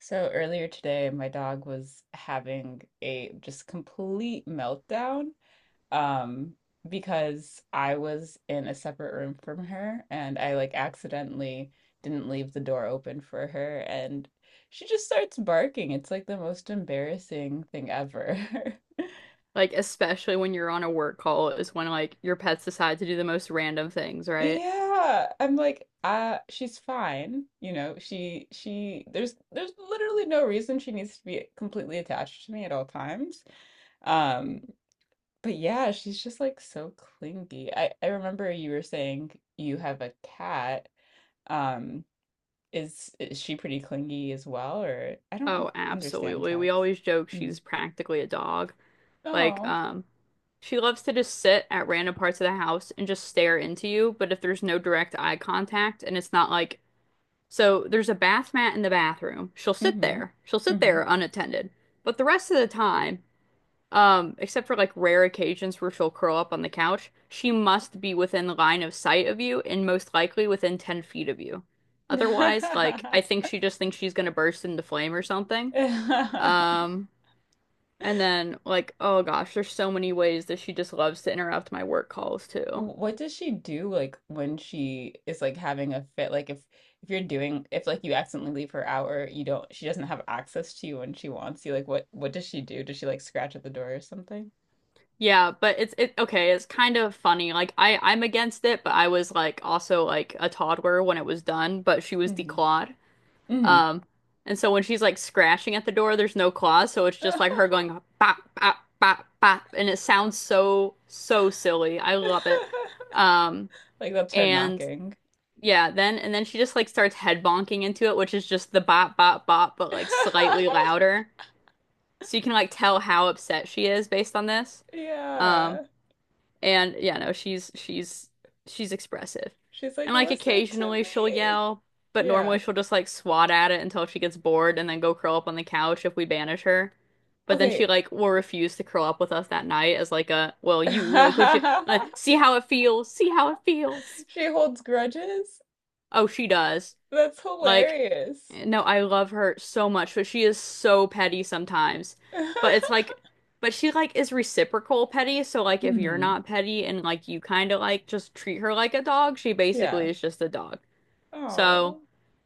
So earlier today, my dog was having a just complete meltdown, um, because I was in a separate room from her and I like accidentally didn't leave the door open for her and she just starts barking. It's like the most embarrassing thing ever. Like, especially when you're on a work call, is when like your pets decide to do the most random things, right? Yeah, I'm like, she's fine. You know, she there's literally no reason she needs to be completely attached to me at all times. Um, But yeah, she's just like so clingy. I remember you were saying you have a cat. Um, is she pretty clingy as well, or I don't Oh, understand absolutely. We cats. always joke Mm. she's practically a dog. Like, Oh. She loves to just sit at random parts of the house and just stare into you, but if there's no direct eye contact and it's not like, so there's a bath mat in the bathroom, she'll sit Mm-hmm. there. She'll sit Mm-hmm. there unattended. But the rest of the time, except for like rare occasions where she'll curl up on the couch, she must be within line of sight of you and most likely within 10 feet of you. Otherwise, like, I think she just thinks she's gonna burst into flame or something. Um, and then, like, oh gosh, there's so many ways that she just loves to interrupt my work calls too. What does she do, like when she is like having a fit? Like if you're doing if like you accidentally leave her out or you don't, she doesn't have access to you when she wants you, like what does she do? Does she like scratch at the door or something? Yeah, but it okay, it's kind of funny. Like I'm against it, but I was like also like a toddler when it was done, but she was the Mm-hmm. clod. Um, and so when she's like scratching at the door, there's no claws, so it's just like her going bop bop bop bop, and it sounds so so silly. I love it. Um, Like that's her and knocking. yeah, then she just like starts head bonking into it, which is just the bop bop bop, but like slightly louder. So you can like tell how upset she is based on this. Um, Yeah. and yeah, no, she's expressive. She's like, And like listen to occasionally she'll me. yell, but normally Yeah. she'll just like swat at it until she gets bored and then go curl up on the couch if we banish her. But then she Okay. like will refuse to curl up with us that night as like a, well, you like would you see how it feels, see how it feels. She holds grudges? Oh, she does. That's Like hilarious. no, I love her so much, but she is so petty sometimes. But it's like, but she like is reciprocal petty. So like, if you're Hmm. not petty and like you kind of like just treat her like a dog, she basically Yeah. is just a dog. So, Oh.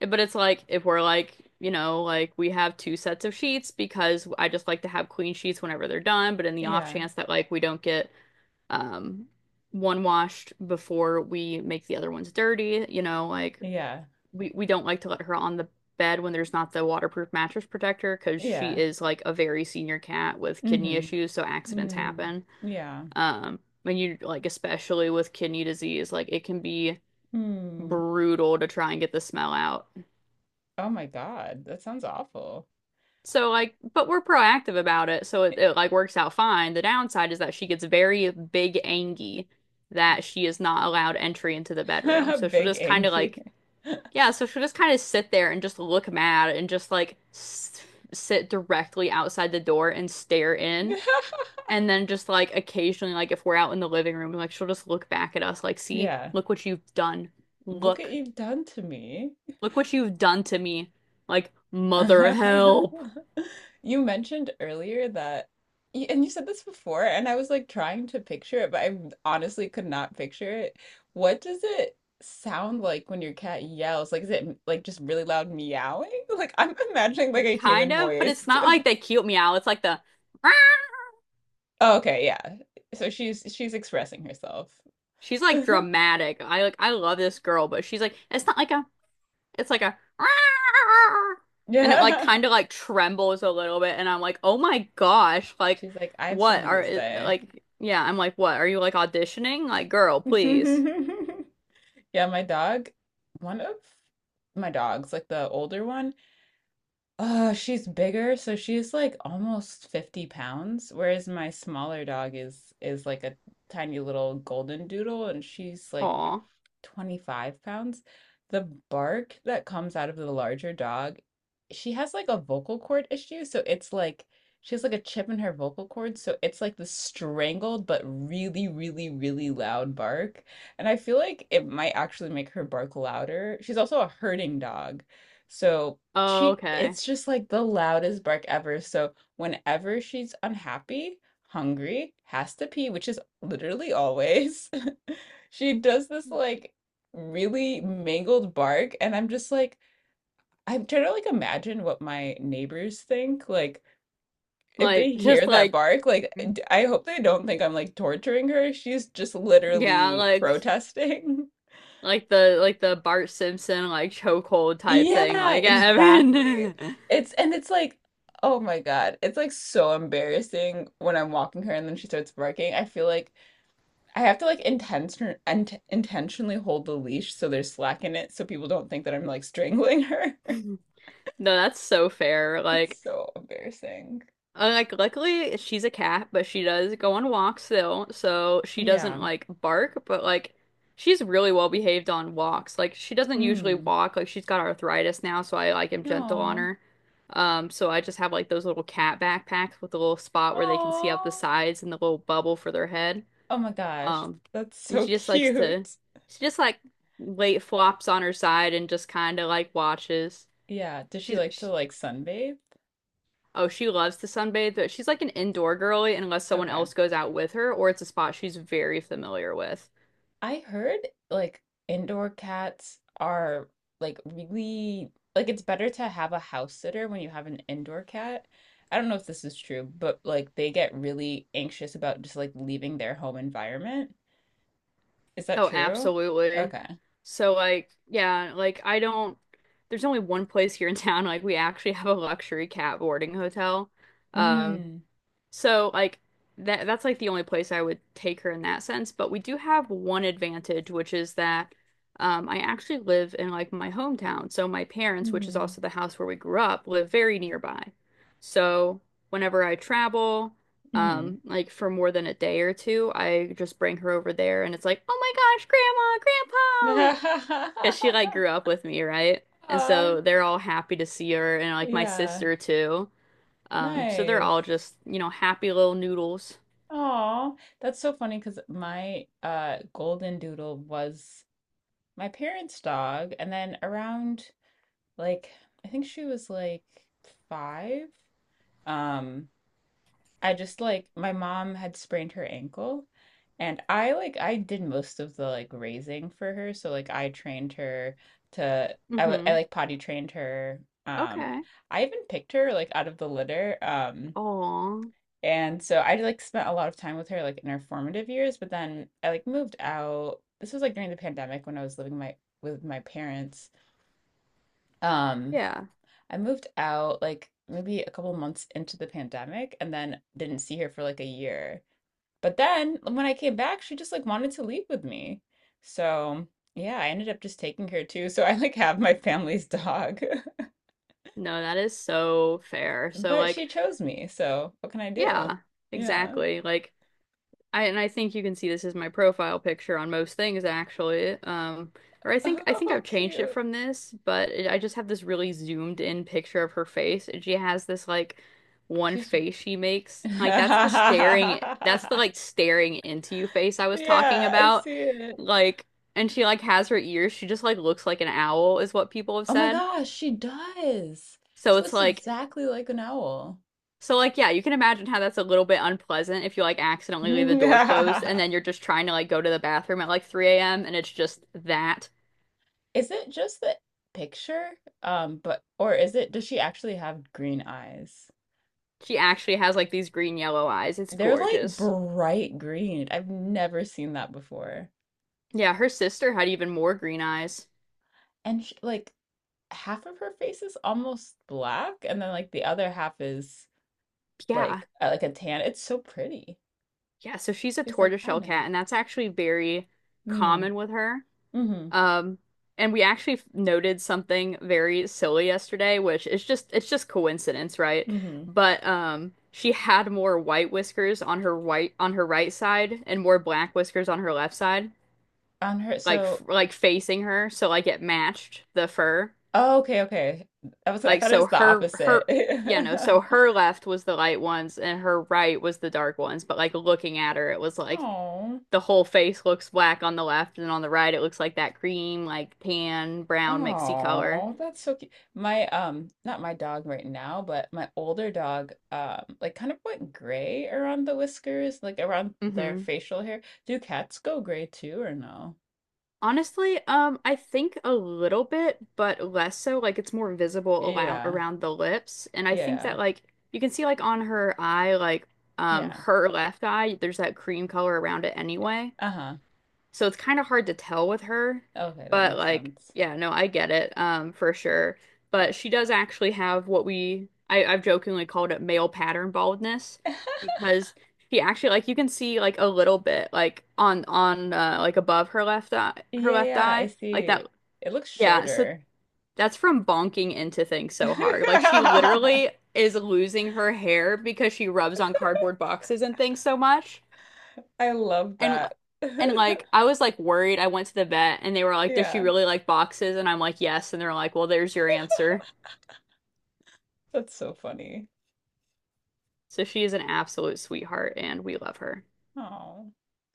but it's like if we're like, you know, like we have two sets of sheets because I just like to have clean sheets whenever they're done. But in the off Yeah. chance that like we don't get um one washed before we make the other ones dirty, you know, like Yeah. we don't like to let her on the bed when there's not the waterproof mattress protector because she Yeah. is like a very senior cat with kidney Hmm. issues, so accidents Mm. happen. Yeah. When you like especially with kidney disease, like it can be Mm. brutal to try and get the smell out. Oh my God. That sounds awful. So like, but we're proactive about it, so it, it like works out fine. The downside is that she gets very big angy that she is not allowed entry into the bedroom. So she'll Big just kind of Angie. like Yeah, so she'll just kind of sit there and just look mad and just like s sit directly outside the door and stare in. And then just like occasionally, like if we're out in the living room, like she'll just look back at us, like, see, Yeah. look what you've done. Look what Look, you've done to me. look what you've done to me. Like, mother help. You mentioned earlier that, and you said this before, and I was like trying to picture it, but I honestly could not picture it. What does it sound like when your cat yells? Like, is it like just really loud meowing? Like, I'm imagining like a Kind human of, but voice. it's not like that cute meow. It's like the, "Rah!" Oh, okay, yeah. So she's expressing herself. She's like dramatic. I like, I love this girl, but she's like, it's not like I'm. It's like a and it like Yeah. kind of like trembles a little bit and I'm like, "Oh my gosh, like She's like, I have what something are to say. like yeah, I'm like, "What? Are you like auditioning? Like, girl, please." Yeah, my dog, one of my dogs, like the older one, she's bigger, so she's like almost 50 pounds, whereas my smaller dog is like a tiny little golden doodle and she's like Aw. 25 pounds. The bark that comes out of the larger dog, she has like a vocal cord issue. So it's like she has like a chip in her vocal cord. So it's like the strangled but really, really, really loud bark. And I feel like it might actually make her bark louder. She's also a herding dog. So Oh, she, okay. it's just like the loudest bark ever. So whenever she's unhappy, hungry, has to pee, which is literally always, she does this like really mangled bark and I'm just like, I'm trying to like imagine what my neighbors think, like if they Like just hear that like bark, like I hope they don't think I'm like torturing her. She's just yeah, literally protesting. like the Bart Simpson like chokehold type thing. Yeah, Like, exactly. Evan. It's, and it's like, oh my God, it's like so embarrassing when I'm walking her and then she starts barking. I feel like I have to like intentionally hold the leash so there's slack in it so people don't think that I'm like strangling her. No, that's so fair. It's so embarrassing. Like, luckily, she's a cat, but she does go on walks still, so she doesn't Yeah. like bark, but like, she's really well behaved on walks. Like, she doesn't usually Hmm. walk, like, she's got arthritis now, so I like am gentle on No. her. So I just have like those little cat backpacks with a little spot where they can see out the Oh. sides and the little bubble for their head. Oh my gosh. Um, That's and so she just likes to, cute. she just like lay flops on her side and just kind of like watches. Yeah. Does she She's, like to she, like sunbathe? oh, she loves to sunbathe, but she's like an indoor girly unless someone Okay. else goes out with her or it's a spot she's very familiar with. I heard like indoor cats are like really like it's better to have a house sitter when you have an indoor cat. I don't know if this is true, but like they get really anxious about just like leaving their home environment. Is that Oh, true? absolutely. Okay. So like, yeah, like I don't there's only one place here in town like we actually have a luxury cat boarding hotel. Um Mm. So like that's like the only place I would take her in that sense. But we do have one advantage, which is that I actually live in like my hometown. So my parents, which is Mm-hmm. also the house where we grew up, live very nearby. So whenever I travel, Mm-hmm. Like for more than a day or two, I just bring her over there and it's like, oh my gosh, grandma, grandpa. Because she like Aw, grew up with me, right? And so they're all happy to see her and like my yeah, sister too. So they're all nice. just, you know, happy little noodles. Aw, that's so funny because my golden doodle was my parents' dog, and then around, like, I think she was like five. Um, I just like, my mom had sprained her ankle and I did most of the like raising for her, so like I trained her to I Mm-hmm. like potty trained her. Okay. I even picked her like out of the litter. Oh. And so I like spent a lot of time with her like in her formative years, but then I like moved out. This was like during the pandemic when I was living my with my parents. um Yeah. I moved out like maybe a couple months into the pandemic and then didn't see her for like a year, but then when I came back, she just like wanted to leave with me. So yeah, I ended up just taking her too. So I like have my family's dog, No, that is so fair. So but like, she chose me. So what can I do? yeah, Yeah. exactly. Like I and I think you can see this is my profile picture on most things actually. Or I think Oh, I've changed it cute. from this, but it, I just have this really zoomed in picture of her face, and she has this like one She's. face she makes. Like that's the staring, that's the Yeah, like staring into you face I was talking I about. see it. Like, and she like has her ears. She just like looks like an owl, is what people have Oh my said. gosh, she does. So She it's looks like. exactly like an owl. So like yeah, you can imagine how that's a little bit unpleasant if you like accidentally leave the Is door closed and then you're just trying to like go to the bathroom at like 3 a.m. and it's just that. it just the picture? But or is it, does she actually have green eyes? She actually has like these green yellow eyes. It's They're like gorgeous. bright green. I've never seen that before. Yeah, her sister had even more green eyes. And sh like half of her face is almost black, and then like the other half is Yeah. Like a tan. It's so pretty. Yeah, so she's a She's like, I tortoiseshell know. cat and that's actually very Hmm. common with her. Mm-hmm. Um, and we actually noted something very silly yesterday, which is just it's just coincidence, right? Mm-hmm. But she had more white whiskers on her white on her right side and more black whiskers on her left side, On her, like so like facing her, so like it matched the fur. oh, okay, okay. I Like thought it so was the her opposite. her yeah, no, so her left was the light ones and her right was the dark ones, but like looking at her it was like Oh. the whole face looks black on the left and on the right it looks like that cream like tan brown mixy color. Oh, that's so cute. My not my dog right now, but my older dog like kind of went gray around the whiskers, like around their Hmm. facial hair. Do cats go gray too or no? Honestly, I think a little bit, but less so like it's more visible around Yeah. around the lips and I think Yeah. that like you can see like on her eye like Yeah. her left eye there's that cream color around it Eh, anyway. uh-huh. So it's kind of hard to tell with her, Okay, that but makes like, sense. yeah, no, I get it, for sure. But she does actually have what we I've jokingly called it male pattern baldness because she actually like you can see like a little bit like on like above her Yeah, left yeah, I eye like see. that It looks yeah so shorter. that's from bonking into things so hard like she I literally is losing her hair because she rubs on cardboard boxes and things so much. love And that. and like I was like worried. I went to the vet and they were like, "Does she Yeah, really like boxes?" And I'm like, "Yes." And they're like, "Well, there's your answer." that's so funny. So she is an absolute sweetheart and we love her. Oh.